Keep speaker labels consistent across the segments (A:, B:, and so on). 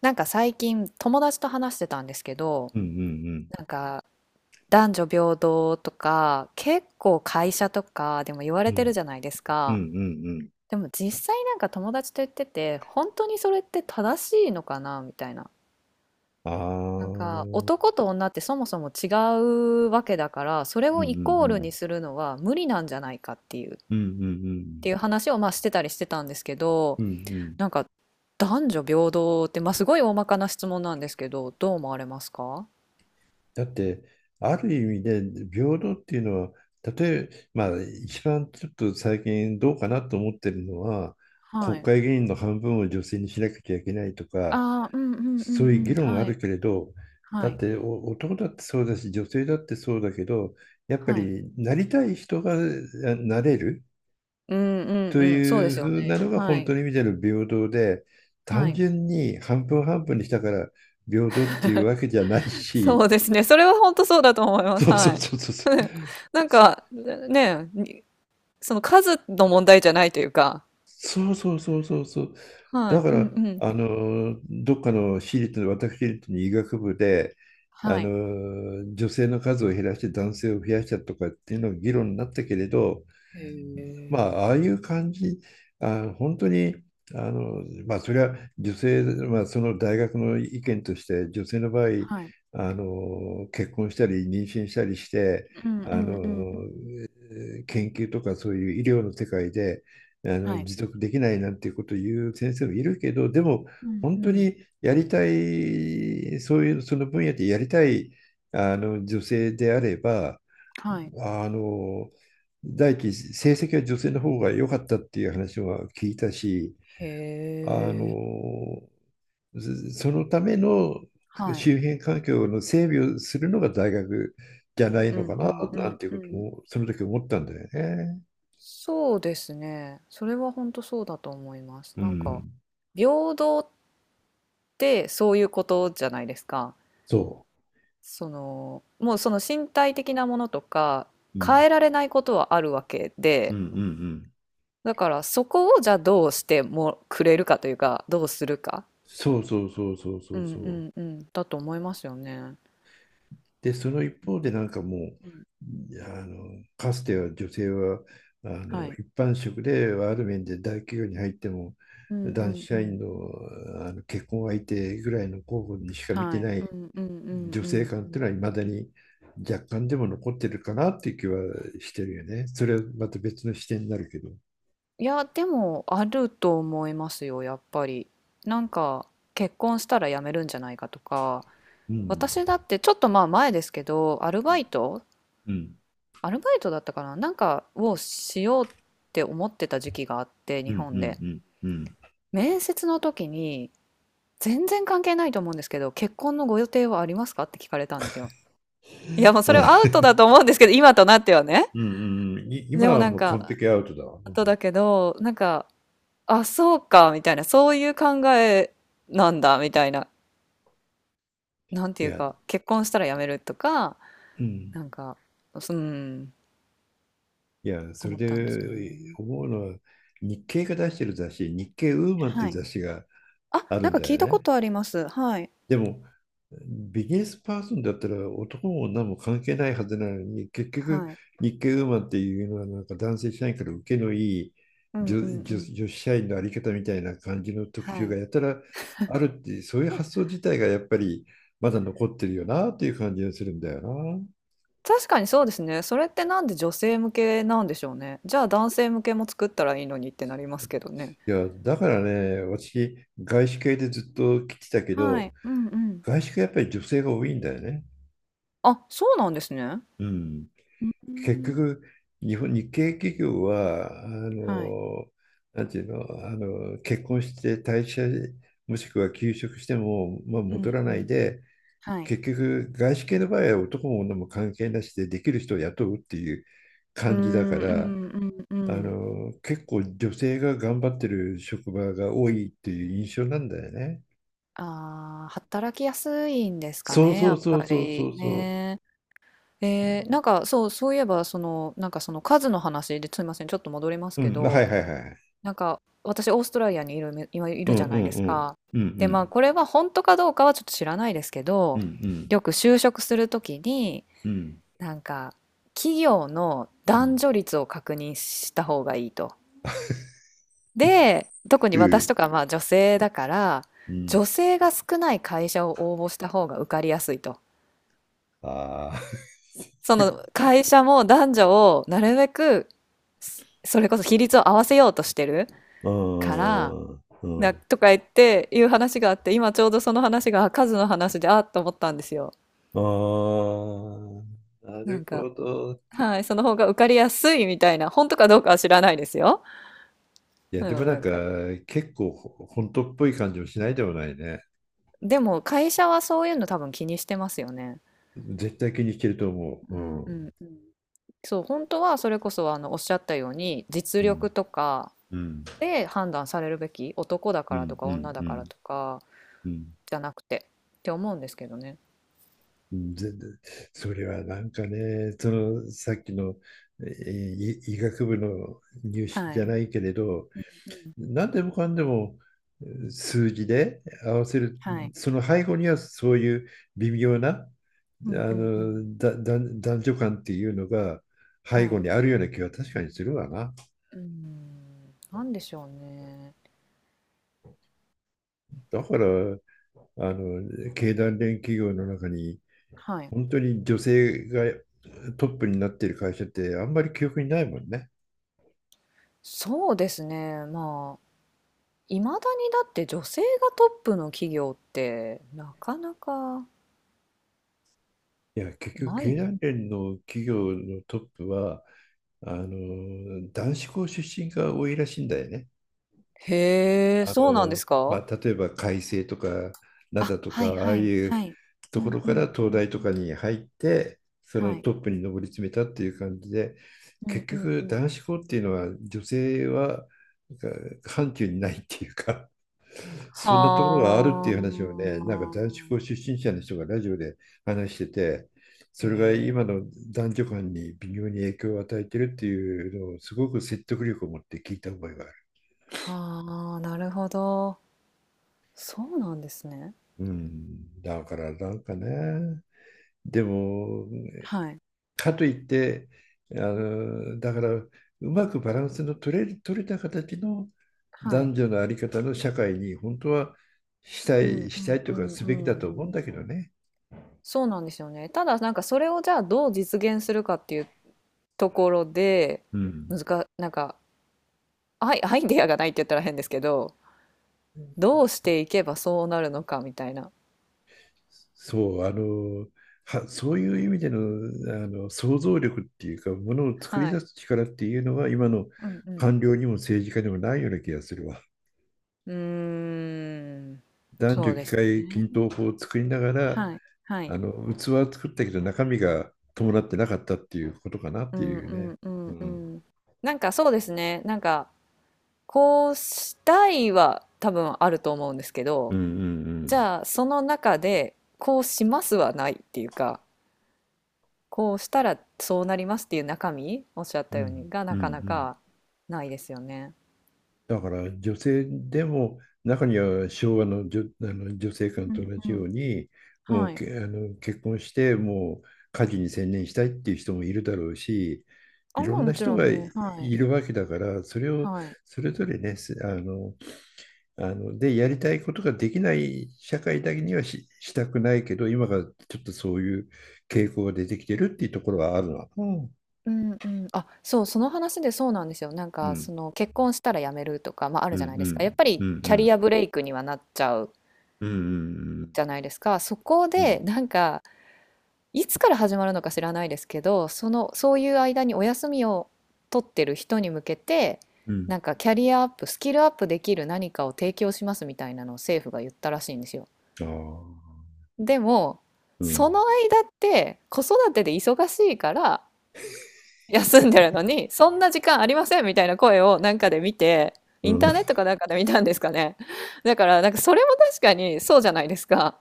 A: なんか最近友達と話してたんですけど、
B: うんうん
A: なんか男女平等とか結構会社とかでも言わ
B: う
A: れてる
B: ん。
A: じゃないです
B: うんう
A: か。
B: んうんうん。
A: でも実際なんか友達と言ってて本当にそれって正しいのかなみたいな。
B: ああ。
A: なんか
B: うん
A: 男と女ってそもそも違うわけだからそれ
B: う
A: を
B: んう
A: イコール
B: ん。
A: にするのは無理なんじゃないかっていうっ
B: うんうんうん。
A: ていう話をまあしてたりしてたんですけど、
B: うんうん。
A: なんか男女平等ってまあすごい大まかな質問なんですけど、どう思われますか？
B: だって、ある意味で平等っていうのは、例えば、まあ、一番ちょっと最近どうかなと思ってるのは、
A: は
B: 国
A: い。
B: 会議員の半分を女性にしなきゃいけないとか、
A: ああ、うんうんう
B: そ
A: ん
B: う
A: う
B: いう議
A: ん。
B: 論はあ
A: はい、
B: るけれど、
A: は
B: だっ
A: い、
B: て男だってそうだし、女性だってそうだけど、やっぱ
A: はい。
B: りなりたい人がなれる。
A: うんう
B: と
A: んうん。そうで
B: いう
A: す
B: ふ
A: よ
B: うな
A: ね。
B: のが
A: は
B: 本当
A: い、
B: に意味での平等で、
A: は
B: 単
A: い。
B: 純に半分半分にしたから平等っていうわけじゃない
A: そ
B: し、
A: うですね。それは本当そうだと思いま
B: そ
A: す。
B: うそ
A: は
B: う
A: い。
B: そうそうそう。
A: なんか、ね、にその数の問題じゃないというか。
B: そうそうそうそうそう。
A: は
B: だ
A: い。
B: か
A: うんう
B: ら、
A: ん。
B: どっかの私立の医学部で、
A: はい。
B: 女性の数を減らして男性を増やしたとかっていうのが議論になったけれど、
A: へ
B: まあ、
A: え。
B: ああいう感じ、本当に、まあ、それは女性、まあ、その大学の意見として、女性の場合、
A: はい。
B: 結婚したり、妊娠したりして、
A: うんう
B: あの、
A: んうんうん。
B: えー研究とかそういう医療の世界で、
A: はい。
B: 持続できないなんていうことを言う先生もいるけど、でも、
A: うん
B: 本
A: う
B: 当
A: ん。
B: にやりたい、そういう、その分野でやりたい、女性であれば、
A: はい。
B: あの、第一、成績は女性の方が良かったっていう話は聞いたし、
A: へ
B: あの、
A: え。
B: そのための
A: はい。
B: 周辺環境の整備をするのが大学じゃない
A: う
B: の
A: ん
B: か
A: う
B: な、
A: んう
B: なん
A: ん
B: てい
A: う
B: うこと
A: ん。
B: も、その時思ったんだよね。
A: そうですね。それは本当そうだと思います。
B: う
A: なんか、
B: ん。
A: 平等ってそういうことじゃないですか。
B: そ
A: その、もうその身体的なものとか、
B: う。う
A: 変
B: ん。
A: えられないことはあるわけ
B: う
A: で、
B: んうんうん。
A: だからそこをじゃあどうしてもくれるかというか、どうするか。
B: そうそうそうそうそ
A: う
B: う
A: ん
B: そう。
A: うんうん。だと思いますよね。
B: で、その一方でなんかも
A: うん、
B: う、かつては女性は、
A: はい。
B: 一般職である面で大企業に入っても、
A: うんう
B: 男子
A: んう
B: 社
A: ん。
B: 員の、結婚相手ぐらいの候補にしか見て
A: はい。
B: な
A: う
B: い
A: んうんうん
B: 女
A: う
B: 性
A: ん
B: 感
A: う
B: っていう
A: ん。
B: のは、いまだに若干でも残ってるかなっていう気はしてるよね。それはまた別の視点になるけど。
A: いや、でもあると思いますよ、やっぱり。なんか結婚したら辞めるんじゃないかとか、
B: うん。
A: 私だってちょっとまあ前ですけど、アルバイト、
B: うん。
A: アルバイトだったかな、なんかをしようって思ってた時期があって、
B: う
A: 日
B: ん。う
A: 本
B: ん。
A: で。
B: うん。うん。
A: 面接の時に、全然関係ないと思うんですけど、結婚のご予定はありますかって聞かれたんですよ。いや、もうそれはア
B: あ。
A: ウトだと思うんですけど、今となってはね。
B: うんうんうん。今
A: でも
B: は
A: なん
B: もう完
A: か、
B: 璧アウトだわ。
A: ア
B: う
A: ウト
B: ん。
A: だけど、なんか、あ、そうか、みたいな、そういう考えなんだ、みたいな、なんて
B: い
A: いう
B: や、
A: か、結婚したら辞めるとか、
B: うん。
A: なんか、うん、
B: いや、それ
A: 思ったんですよ
B: で
A: ね。
B: 思うのは、日経が出してる雑誌、日経ウーマンってい
A: は
B: う
A: い。
B: 雑誌が
A: あ、
B: あ
A: な
B: る
A: ん
B: ん
A: か
B: だ
A: 聞い
B: よ
A: たこ
B: ね。
A: とあります。はい。
B: でも、ビジネスパーソンだったら男も女も関係ないはずなのに、結局、
A: はい。
B: 日経ウーマンっていうのは、なんか男性社員から受けのいい
A: うん
B: 女、
A: うんう
B: 女
A: ん。
B: 女子社員のあり方みたいな感じの特
A: は
B: 集が
A: い。
B: やたらあるって、そういう発想自体がやっぱりまだ残ってるよなっていう感じがするんだよな。
A: 確かにそうですね。それってなんで女性向けなんでしょうね。じゃあ男性向けも作ったらいいのにってなりますけどね。
B: いや、だからね、私、外資系でずっと来てたけ
A: は
B: ど、
A: い。うんうん。
B: 外資系やっぱり女性が多いんだよね。
A: あ、そうなんですね。
B: うん。
A: う
B: 結
A: ん。
B: 局、日系企業は、
A: はい。
B: なんていうの、結婚して退社、もしくは休職しても、まあ、
A: う
B: 戻
A: ん
B: ら
A: う
B: ない
A: ん。
B: で、
A: はい。
B: 結局、外資系の場合は男も女も関係なしでできる人を雇うっていう
A: う
B: 感じだか
A: んう
B: ら、
A: んうんうん。
B: 結構女性が頑張ってる職場が多いっていう印象なんだよね。
A: ああ、働きやすいんですか
B: そう
A: ね、
B: そ
A: や
B: う
A: っ
B: そう
A: ぱ
B: そうそ
A: り
B: うそう。
A: ね。なんかそう、そういえば、その、なんかその数の話ですみません、ちょっと戻ります
B: う
A: け
B: ん、は
A: ど、
B: いはいはい。
A: なんか私、オーストラリアにいるめ、今い
B: う
A: る
B: ん
A: じゃ
B: う
A: ない
B: ん
A: です
B: うん。
A: か。
B: うんう
A: で、まあ、
B: ん。
A: これは本当かどうかはちょっと知らないですけ
B: う
A: ど、
B: んうん。
A: よく就職するときに、
B: うん。
A: なんか、企業の
B: う
A: 男
B: ん。
A: 女率を確認した方がいいと。で、特に
B: う
A: 私
B: ん
A: とかまあ女性だから、
B: うん。
A: 女性が少ない会社を応募した方が受かりやすいと。
B: ああ。
A: その会社も男女をなるべくそれこそ比率を合わせようとしてる
B: う
A: から
B: ん。う
A: な
B: ん。
A: とか言っていう話があって今ちょうどその話が数の話であっと思ったんですよ。
B: ああ。な
A: なん
B: る
A: か、
B: ほど。
A: はい、その方が受かりやすいみたいな、本当かどうかは知らないですよ。
B: いや、
A: で
B: で
A: も
B: もな
A: な
B: ん
A: ん
B: か、
A: か
B: 結構本当っぽい感じもしないでもないね。
A: でも会社はそういうの多分気にしてますよね。
B: 絶対気にいけると思う。
A: う
B: う
A: んう
B: ん。
A: んうん。そう、本当はそれこそあのおっしゃったように実
B: うん。
A: 力とか
B: うん。
A: で判断されるべき、男だ
B: う
A: からと
B: ん。
A: か
B: う
A: 女
B: ん。
A: だ
B: う
A: から
B: ん。
A: とか
B: うんう
A: じゃなくてって思うんですけどね。
B: ん。全然それはなんかね、そのさっきの、えーい医学部の入試
A: は
B: じゃ
A: い。
B: ないけれど、
A: うん、
B: 何でもかんでも数字で合わせる、
A: はい。
B: その背後にはそういう微妙なあ
A: うんうんうん。
B: のだだ男女間っていうのが背
A: は
B: 後
A: い。
B: にあるような気は確かにするわな。
A: うーん、なんでしょうね。
B: だから経団連企業の中に
A: はい。
B: 本当に女性がトップになっている会社ってあんまり記憶にないもんね。
A: そうですね。まあ、いまだにだって女性がトップの企業ってなかなか
B: いや、結局
A: な
B: 経
A: い。
B: 団連の企業のトップは男子校出身が多いらしいんだよね。
A: へえ、そうなんです
B: ま
A: か。
B: あ、例えば開成とか
A: あ、
B: 灘と
A: はい
B: かああ
A: はい、
B: いう
A: はい。う
B: とこ
A: ん
B: ろ
A: う
B: か
A: ん
B: ら
A: うん
B: 東大
A: う
B: とか
A: ん。
B: に入って、その
A: はい。
B: トップに上り詰めたっていう感じで、
A: うん
B: 結
A: うんう
B: 局
A: ん。
B: 男子校っていうのは女性はなんか範疇にないっていうか、
A: は
B: そんなところがあるっていう話をね、なんか男子校
A: あ。
B: 出身者の人がラジオで話してて、
A: へ
B: それが今
A: え。
B: の男女間に微妙に影響を与えてるっていうのをすごく説得力を持って聞いた覚えがある。
A: はあ、なるほど。そうなんですね。
B: うん、だからなんかね、でも、
A: はい。
B: かといって、だから、うまくバランスの取れた形の
A: は
B: 男
A: い。
B: 女のあり方の社会に本当はした
A: うん
B: い、
A: う
B: した
A: ん
B: い
A: う
B: とか
A: ん
B: す
A: う
B: べき
A: ん
B: だと
A: う
B: 思うん
A: ん。
B: だけどね。
A: そうなんですよね。ただなんかそれをじゃあどう実現するかっていうところで、
B: うん。
A: なんか、アイデアがないって言ったら変ですけど、どうしていけばそうなるのかみたいな。
B: そう、そういう意味での、想像力っていうか、ものを作り
A: は
B: 出
A: い。
B: す力っていうのは、今の
A: うんうん。
B: 官僚にも政治家にもないような気がするわ。
A: うーん。
B: 男
A: そ
B: 女
A: うで
B: 機
A: す
B: 会均
A: ね。
B: 等法を作りながら、
A: はい。はい。
B: 器は作ったけど中身が伴ってなかったっていうことかなっ
A: う
B: て
A: んう
B: いうね。
A: んう
B: う
A: んう
B: ん。
A: ん。なんかそうですね。なんかこうしたいは多分あると思うんですけ
B: う
A: ど、
B: んう
A: じ
B: ん
A: ゃあその中でこうしますはないっていうか、こうしたらそうなりますっていう中身、おっしゃっ
B: う
A: たよう
B: ん。
A: にが
B: うん
A: な
B: うんう
A: かな
B: ん。
A: かないですよね。
B: だから女性でも中には昭和の女、あの女性間
A: う
B: と
A: ん
B: 同
A: う
B: じよ
A: ん。
B: うに、も
A: は
B: う
A: い。
B: け、あの結婚してもう家事に専念したいっていう人もいるだろうし、
A: あ、
B: いろ
A: まあ
B: んな
A: もち
B: 人
A: ろ
B: が
A: ん
B: い
A: ね。はい。
B: るわけだから、それを
A: はい。
B: それぞれね、すあのあの、で、やりたいことができない社会だけにはしたくないけど、今がちょっとそういう傾向が出てきてるっていうところはあるの。ん
A: うんうん、あ、そう、その話でそうなんですよ。なん
B: う
A: か、そ
B: ん。
A: の結婚したら辞めるとか、まあ、あ
B: う
A: るじゃ
B: ん、
A: ない
B: う
A: ですか。
B: ん、
A: やっぱ
B: う
A: り
B: ん、
A: キ
B: う
A: ャリ
B: ん、
A: アブレイクにはなっちゃう
B: うん、うん、
A: じゃないですか。そこ
B: う
A: で
B: ん、
A: なんか、いつから始まるのか知らないですけど、そのそういう間にお休みを取ってる人に向けて、
B: うん。
A: なんかキャリアアップ、スキルアップできる何かを提供しますみたいなのを政府が言ったらしいんですよ。
B: ああ、
A: でも、
B: う
A: そ
B: ん、
A: の間って子育てで忙しいから休んでるのに、そんな時間ありませんみたいな声をなんかで見て、
B: う
A: インターネッ
B: ん。
A: トかなんかで見たんですかね。だからなんかそれも確かにそうじゃないですか。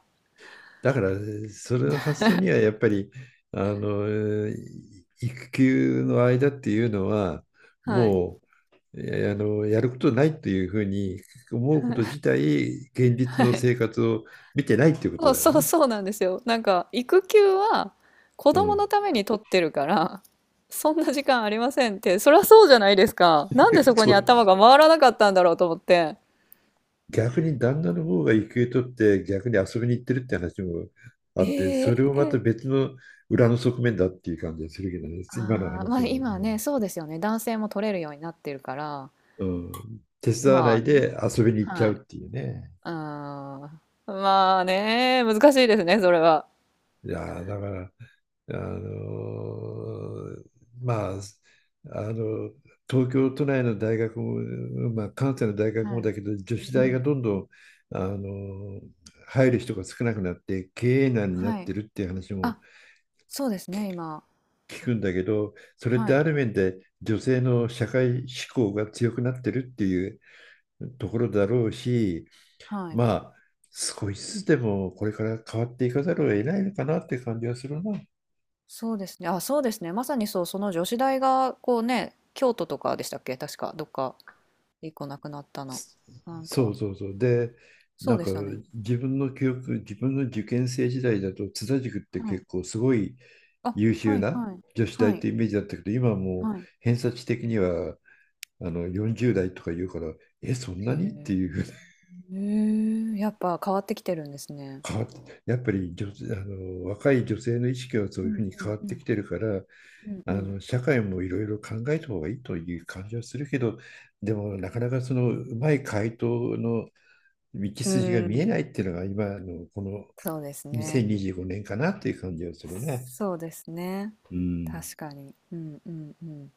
B: だから、それの発想にはやっぱり、育休の間っていうのは、
A: はい。
B: もう、やることないというふうに思うこと
A: は
B: 自体、現実の生
A: い。
B: 活を見てないっていうこと
A: そう
B: だよ
A: そう
B: ね。
A: そうなんですよ。なんか育休は子
B: う
A: 供の
B: ん。
A: ために取ってるからそんな時間ありませんって、そりゃそうじゃないですか。なんで そこ
B: そ
A: に
B: う。
A: 頭が回らなかったんだろうと思って。
B: 逆に旦那の方が育休取って逆に遊びに行ってるって話もあって、
A: え
B: それを
A: え、
B: また別の裏の側面だっていう感じがするけどね、今の
A: ああー、まあ
B: 話の。う
A: 今ね、そうですよね。男性も取れるようになってるから、
B: ん。うん、手伝わな
A: まあ
B: い
A: ね、
B: で遊びに行っちゃ
A: は
B: う
A: い。
B: っていうね。
A: ああ、まあね、難しいですね、それは。
B: いやー、だからあのーまあ、あの東京都内の大学も、まあ、関西の大学も
A: はい。
B: だけど、女
A: う
B: 子
A: んう
B: 大が
A: ん。
B: どんどんあのー入る人が少なくなって経営難になっ
A: はい。
B: てるっていう話も
A: あ、そうですね、今。
B: 聞くんだけど、それっ
A: は
B: て
A: い。
B: ある面で女性の社会志向が強くなってるっていうところだろうし、
A: はい。
B: まあ少しずつでもこれから変わっていかざるを得ないのかなって感じはするな。
A: そうですね。あ、そうですね。まさにそう、その女子大が、こうね、京都とかでしたっけ確か、どっか、一個なくなったの。なん
B: そ
A: か、
B: うそうそう。で、な
A: そう
B: ん
A: で
B: か
A: したね。
B: 自分の受験生時代だと津田塾って
A: はい。
B: 結構すごい
A: あ、
B: 優
A: は
B: 秀
A: い、
B: な
A: はい、
B: 女子大っ
A: はい、
B: てイメージだったけど、今はもう
A: はい。
B: 偏差値的には40代とか言うから、え、そん
A: へ
B: なにって
A: え、
B: いうふうに
A: へえ、やっぱ変わってきてるんですね。
B: 変わって、やっぱり女、あの若い女性の意識はそう
A: う
B: いうふう
A: ん
B: に
A: う
B: 変
A: ん
B: わっ
A: う
B: てき
A: ん。
B: てるから、
A: うんうん。
B: 社会もいろいろ考えた方がいいという感じはするけど、でもなかなかそのうまい回答の道
A: う
B: 筋が見え
A: ん、
B: ないっていうのが今のこの
A: そうですね。
B: 2025年かなっていう感じがするね。
A: そうですね。
B: うん。
A: 確かに。うんうんうん。